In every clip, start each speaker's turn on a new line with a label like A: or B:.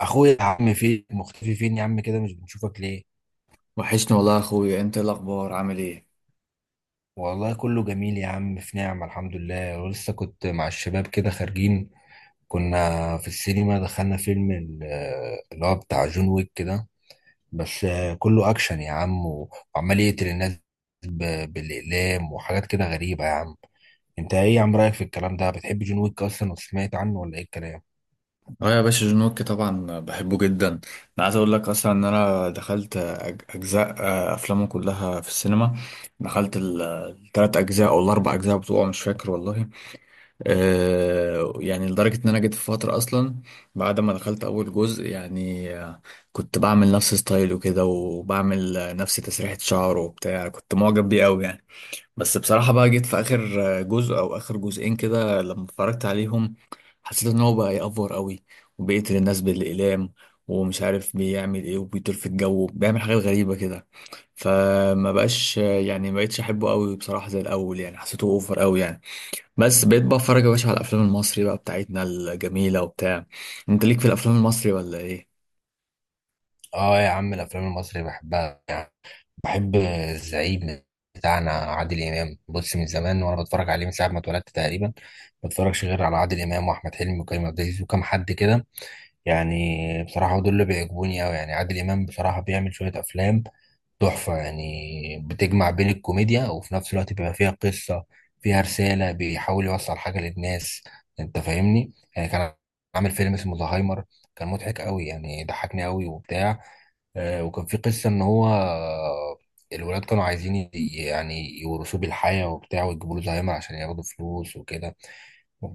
A: اخويا يا عم، فين مختفي؟ فين يا عم كده؟ مش بنشوفك ليه؟
B: وحشني والله يا اخويا، انت إيه الاخبار؟ عامل ايه؟
A: والله كله جميل يا عم، في نعمة، الحمد لله. ولسه كنت مع الشباب كده خارجين، كنا في السينما. دخلنا فيلم اللي هو بتاع جون ويك كده. بس كله اكشن يا عم، وعمال يقتل الناس بالاقلام وحاجات كده غريبة يا عم. انت ايه يا عم رايك في الكلام ده؟ بتحب جون ويك اصلا وسمعت عنه ولا ايه الكلام؟
B: اه يا باشا، جون ويك طبعا بحبه جدا. انا عايز اقول لك اصلا ان انا دخلت اجزاء افلامه كلها في السينما. دخلت التلات اجزاء او الاربع اجزاء بتوعه، مش فاكر والله. يعني لدرجه ان انا جيت في فتره اصلا بعد ما دخلت اول جزء يعني. كنت بعمل نفس ستايل وكده، وبعمل نفس تسريحه شعره وبتاع، كنت معجب بيه قوي يعني. بس بصراحة بقى جيت في آخر جزء أو آخر جزئين كده، لما اتفرجت عليهم حسيت إن هو بقى يأفور قوي، وبيقتل الناس بالإقلام ومش عارف بيعمل إيه، وبيطير في الجو بيعمل حاجات غريبة كده. فما بقاش يعني ما بقتش أحبه قوي بصراحة زي الأول، يعني حسيته أوفر قوي يعني. بس بقيت بقى أتفرج يا باشا على الأفلام المصري بقى بتاعتنا الجميلة وبتاع. أنت ليك في الأفلام المصري ولا إيه؟
A: اه يا عم، الافلام المصري بحبها. بحب الزعيم بتاعنا عادل إمام. بص، من زمان وأنا بتفرج عليه من ساعة ما اتولدت تقريبا. ما بتفرجش غير على عادل إمام وأحمد حلمي وكريم عبد العزيز وكم حد كده، يعني بصراحة دول اللي بيعجبوني أوي. يعني عادل إمام بصراحة بيعمل شوية أفلام تحفة، يعني بتجمع بين الكوميديا وفي نفس الوقت بيبقى فيها قصة، فيها رسالة، بيحاول يوصل حاجة للناس. انت فاهمني؟ يعني كان عامل فيلم اسمه زهايمر، كان مضحك قوي يعني، ضحكني قوي وبتاع. وكان في قصة ان هو الولاد كانوا عايزين يعني يورثوه بالحياة وبتاع، ويجيبوا له زهايمر عشان ياخدوا فلوس وكده.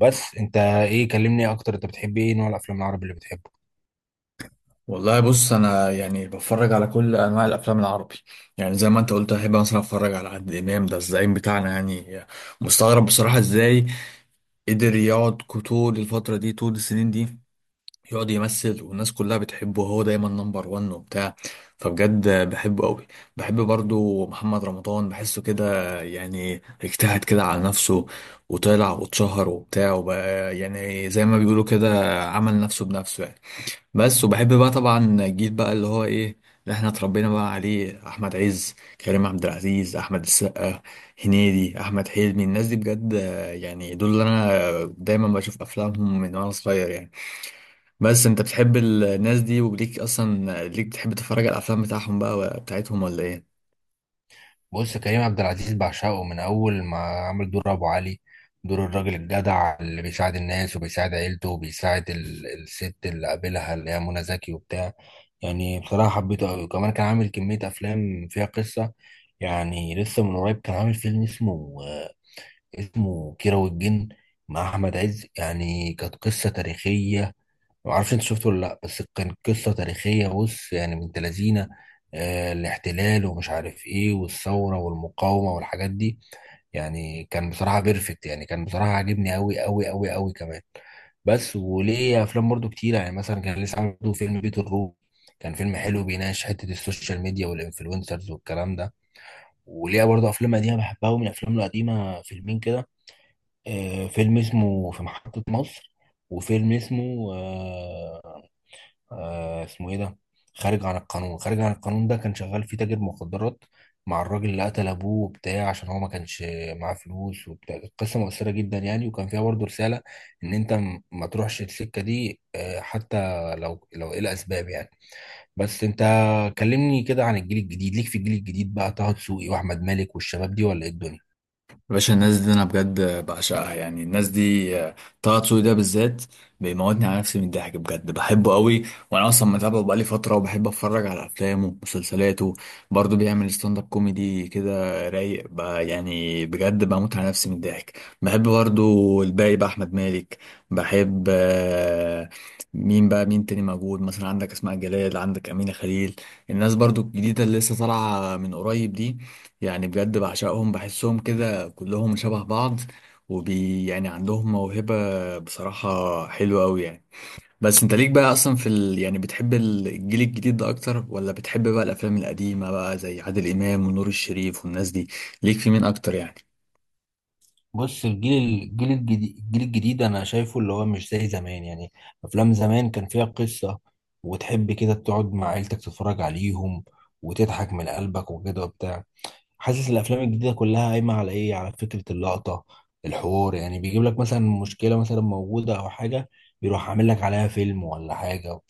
A: بس انت ايه، كلمني اكتر، انت بتحب ايه نوع الافلام العربي اللي بتحبه؟
B: والله بص، انا يعني بتفرج على كل انواع الافلام العربي. يعني زي ما انت قلت، احب مثلا اتفرج على عادل امام، ده الزعيم بتاعنا يعني. مستغرب بصراحه ازاي قدر يقعد طول الفتره دي، طول السنين دي، يقعد يمثل والناس كلها بتحبه، وهو دايما نمبر وان وبتاع. فبجد بحبه قوي. بحب برضو محمد رمضان، بحسه كده يعني اجتهد كده على نفسه وطلع واتشهر وبتاع، وبقى يعني زي ما بيقولوا كده عمل نفسه بنفسه يعني. بس وبحب بقى طبعا الجيل بقى اللي هو ايه، اللي احنا اتربينا بقى عليه، احمد عز، كريم عبد العزيز، احمد السقا، هنيدي، احمد حلمي. الناس دي بجد يعني دول اللي انا دايما بشوف افلامهم من وانا صغير يعني. بس انت بتحب الناس دي، وليك اصلا، ليك بتحب تتفرج على الافلام بتاعهم بقى بتاعتهم ولا ايه؟
A: بص، كريم عبد العزيز بعشقه من اول ما عمل دور ابو علي، دور الراجل الجدع اللي بيساعد الناس وبيساعد عيلته وبيساعد الست اللي قابلها اللي هي منى زكي وبتاع. يعني بصراحة حبيته قوي، وكمان كان عامل كمية افلام فيها قصة. يعني لسه من قريب كان عامل فيلم اسمه اسمه كيرة والجن، مع احمد عز. يعني كانت قصة تاريخية، ما اعرفش انت شفته ولا لا. بس كان قصه تاريخيه، بص يعني بنت لذينه الاحتلال ومش عارف ايه، والثوره والمقاومه والحاجات دي. يعني كان بصراحه بيرفكت، يعني كان بصراحه عاجبني قوي قوي قوي قوي كمان. بس وليه افلام برضو كتير. يعني مثلا كان لسه عامله فيلم بيت الروبي، كان فيلم حلو بيناقش حته السوشيال ميديا والانفلونسرز والكلام ده. وليه برضو افلام قديمه بحبها، ومن افلامه القديمه فيلمين كده. فيلم اسمه في محطه مصر، وفيلم اسمه آه اسمه ايه ده، خارج عن القانون. خارج عن القانون ده كان شغال فيه تاجر مخدرات، مع الراجل اللي قتل ابوه وبتاع عشان هو ما كانش معاه فلوس وبتاع. كانت قصه مؤثره جدا يعني، وكان فيها برضه رساله ان انت ما تروحش السكه دي، حتى لو ايه الاسباب يعني. بس انت كلمني كده عن الجيل الجديد، ليك في الجيل الجديد بقى طه دسوقي واحمد مالك والشباب دي ولا ايه الدنيا؟
B: باشا، الناس دي انا بجد بعشقها. يعني الناس دي طه دسوقي ده بالذات بيموتني على نفسي من الضحك، بجد بحبه قوي. وانا اصلا متابعه بقالي فتره، وبحب اتفرج على افلامه ومسلسلاته. برضه بيعمل ستاند اب كوميدي كده، رايق بقى، يعني بجد بموت على نفسي من الضحك. بحب برضه الباقي بقى احمد مالك، بحب مين بقى، مين تاني موجود مثلا؟ عندك اسماء جلال، عندك امينه خليل، الناس برضو الجديده اللي لسه طالعه من قريب دي. يعني بجد بعشقهم، بحسهم كده كلهم شبه بعض، وبي يعني عندهم موهبة بصراحة حلوة أوي يعني. بس انت ليك بقى اصلا في ال... يعني بتحب الجيل الجديد ده اكتر، ولا بتحب بقى الافلام القديمة بقى زي عادل امام ونور الشريف والناس دي؟ ليك في مين اكتر يعني؟
A: بص، الجيل الجديد انا شايفه اللي هو مش زي زمان يعني. افلام زمان كان فيها قصة، وتحب كده تقعد مع عيلتك تتفرج عليهم وتضحك من قلبك وكده وبتاع. حاسس الافلام الجديده كلها قايمه على ايه، على فكره اللقطه، الحوار. يعني بيجيب لك مثلا مشكله مثلا موجوده او حاجه، بيروح عامل لك عليها فيلم ولا حاجه.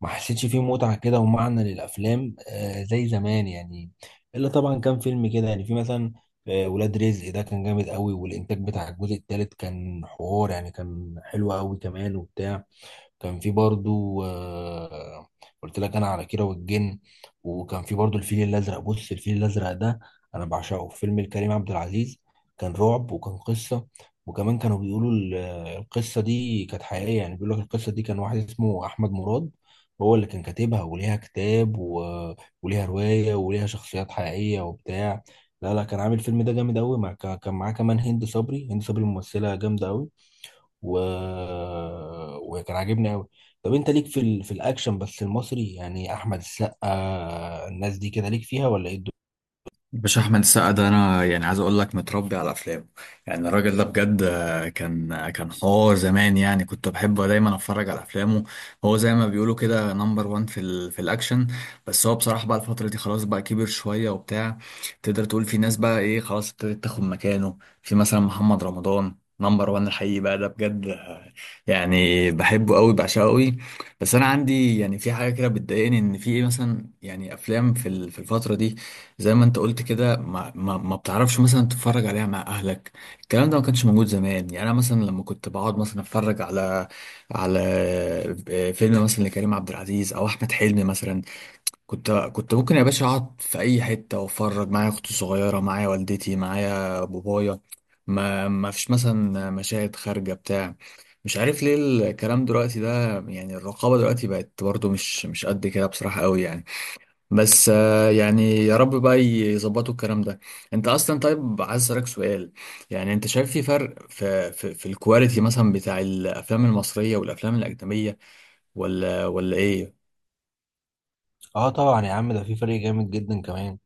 A: ما حسيتش فيه متعه كده ومعنى للافلام آه زي زمان يعني. الا طبعا كان فيلم كده يعني، في مثلا آه ولاد رزق، ده كان جامد قوي. والانتاج بتاع الجزء الثالث كان حوار يعني، كان حلو قوي كمان وبتاع. كان في برضو قلت لك انا على كيرة والجن. وكان في برضو الفيل الازرق. بص الفيل الازرق ده انا بعشقه، فيلم لكريم عبد العزيز. كان رعب وكان قصة، وكمان كانوا بيقولوا القصة دي كانت حقيقية. يعني بيقول لك القصة دي، كان واحد اسمه احمد مراد هو اللي كان كاتبها، وليها كتاب و، وليها رواية، وليها شخصيات حقيقية وبتاع. لا لا، كان عامل الفيلم ده جامد قوي، مع، كان معاه كمان هند صبري. هند صبري ممثلة جامدة قوي، و... وكان عاجبني قوي. طب انت ليك في ال، في الاكشن بس المصري يعني، احمد السقا الناس دي كده ليك فيها ولا ايه الدنيا؟
B: باشا، احمد السقا ده انا يعني عايز اقول لك متربي على افلامه. يعني الراجل ده بجد، كان حوار زمان يعني، كنت بحبه دايما اتفرج على افلامه. هو زي ما بيقولوا كده نمبر وان في في الاكشن. بس هو بصراحه بقى الفتره دي خلاص بقى كبر شويه وبتاع. تقدر تقول في ناس بقى ايه، خلاص ابتدت تاخد مكانه، في مثلا محمد رمضان، نمبر وان الحقيقي بقى ده بجد. يعني بحبه قوي، بعشقه قوي. بس انا عندي يعني في حاجه كده بتضايقني، ان في ايه مثلا يعني افلام في في الفتره دي، زي ما انت قلت كده، ما بتعرفش مثلا تتفرج عليها مع اهلك. الكلام ده ما كانش موجود زمان. يعني انا مثلا لما كنت بقعد مثلا اتفرج على على فيلم مثلا لكريم عبد العزيز او احمد حلمي مثلا، كنت ممكن يا باشا اقعد في اي حته واتفرج، معايا اختي الصغيره، معايا والدتي، معايا بابايا. ما فيش مثلا مشاهد خارجه بتاع مش عارف ليه الكلام دلوقتي ده. يعني الرقابه دلوقتي بقت برضو مش قد كده بصراحه قوي يعني. بس يعني يا رب بقى يظبطوا الكلام ده. انت اصلا طيب، عايز اسالك سؤال. يعني انت شايف في فرق في في الكواليتي مثلا بتاع الافلام المصريه والافلام الاجنبيه، ولا ايه؟
A: اه طبعا يا عم، ده في فرق جامد جدا كمان.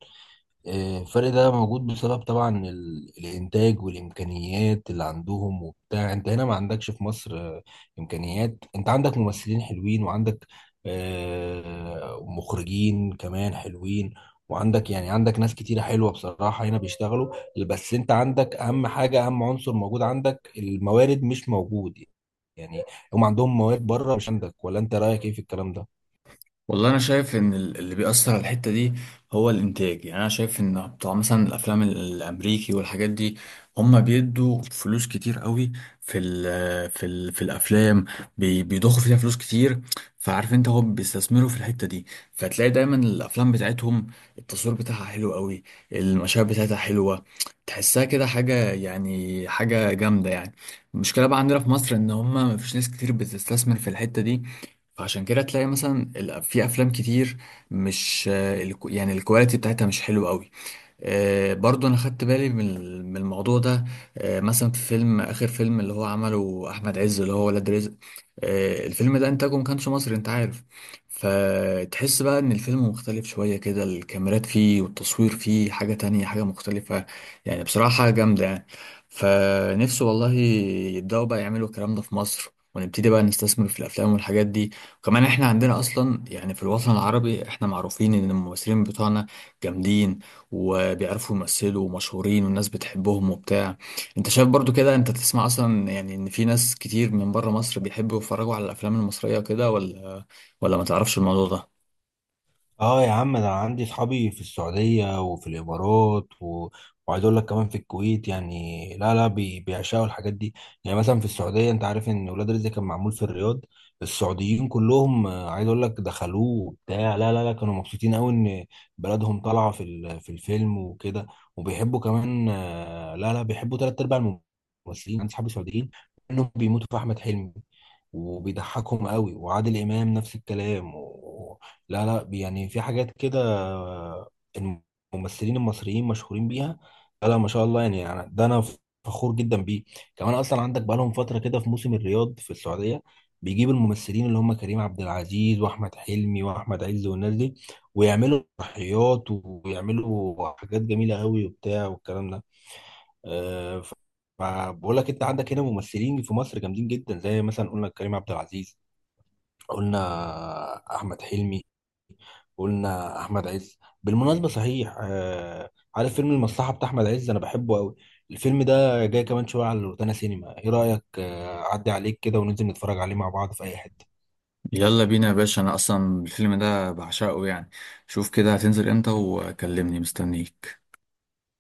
A: الفرق ده موجود بسبب طبعا الانتاج والامكانيات اللي عندهم وبتاع. انت هنا ما عندكش في مصر امكانيات. انت عندك ممثلين حلوين، وعندك مخرجين كمان حلوين، وعندك يعني عندك ناس كتيرة حلوة بصراحة هنا بيشتغلوا. بس انت عندك اهم حاجة، اهم عنصر موجود، عندك الموارد مش موجود يعني. هم عندهم موارد بره مش عندك، ولا انت رأيك ايه في الكلام ده؟
B: والله انا شايف ان اللي بيأثر على الحتة دي هو الانتاج. يعني انا شايف ان بتوع مثلا الافلام الامريكي والحاجات دي، هم بيدوا فلوس كتير قوي في ال في ال في الافلام. بيضخوا فيها فلوس كتير. فعارف انت، هم بيستثمروا في الحتة دي، فتلاقي دايما الافلام بتاعتهم التصوير بتاعها حلو قوي، المشاهد بتاعتها حلوة، تحسها كده حاجة يعني حاجة جامدة يعني. المشكلة بقى عندنا في مصر ان هم مفيش ناس كتير بتستثمر في الحتة دي. فعشان كده تلاقي مثلا في افلام كتير مش يعني الكواليتي بتاعتها مش حلوه قوي. برضو انا خدت بالي من من الموضوع ده. مثلا في فيلم، اخر فيلم اللي هو عمله احمد عز، اللي هو ولاد رزق، الفيلم ده انتاجه ما كانش مصري انت عارف. فتحس بقى ان الفيلم مختلف شوية كده، الكاميرات فيه والتصوير فيه حاجة تانية، حاجة مختلفة، يعني بصراحة حاجة جامدة يعني. فنفسه والله يبدأوا بقى يعملوا الكلام ده في مصر، ونبتدي بقى نستثمر في الافلام والحاجات دي. وكمان احنا عندنا اصلا يعني في الوطن العربي، احنا معروفين ان الممثلين بتوعنا جامدين، وبيعرفوا يمثلوا، ومشهورين والناس بتحبهم وبتاع. انت شايف برضو كده؟ انت تسمع اصلا يعني ان في ناس كتير من بره مصر بيحبوا يتفرجوا على الافلام المصرية وكده، ولا ما تعرفش الموضوع ده؟
A: اه يا عم، ده انا عندي صحابي في السعودية وفي الامارات و، وعايز اقول لك كمان في الكويت. يعني لا لا، بيعشقوا الحاجات دي. يعني مثلا في السعودية انت عارف ان ولاد رزق كان معمول في الرياض. السعوديين كلهم عايز اقول لك دخلوه وبتاع. لا لا لا، كانوا مبسوطين قوي ان بلدهم طالعة في ال، في الفيلم وكده. وبيحبوا كمان لا لا، بيحبوا تلات ارباع الممثلين. عندي صحابي سعوديين انهم بيموتوا في احمد حلمي وبيضحكهم قوي. وعادل امام نفس الكلام. لا لا، يعني في حاجات كده الممثلين المصريين مشهورين بيها. لا لا، ما شاء الله يعني، ده انا فخور جدا بيه. كمان اصلا عندك بقالهم فتره كده في موسم الرياض في السعوديه، بيجيب الممثلين اللي هم كريم عبد العزيز واحمد حلمي واحمد عز والناس دي، ويعملوا تضحيات ويعملوا حاجات جميله قوي وبتاع والكلام ده. أه فبقول لك انت عندك هنا ممثلين في مصر جامدين جدا، زي مثلا قلنا كريم عبد العزيز، قلنا احمد حلمي، قلنا احمد عز. بالمناسبه صحيح آه، عارف فيلم المصلحه بتاع احمد عز؟ انا بحبه قوي. الفيلم ده جاي كمان شويه على روتانا سينما. ايه رايك اعدي عليك كده وننزل نتفرج عليه مع بعض في اي حته؟
B: يلا بينا يا باشا، انا اصلا الفيلم ده بعشقه يعني. شوف كده هتنزل امتى وكلمني، مستنيك.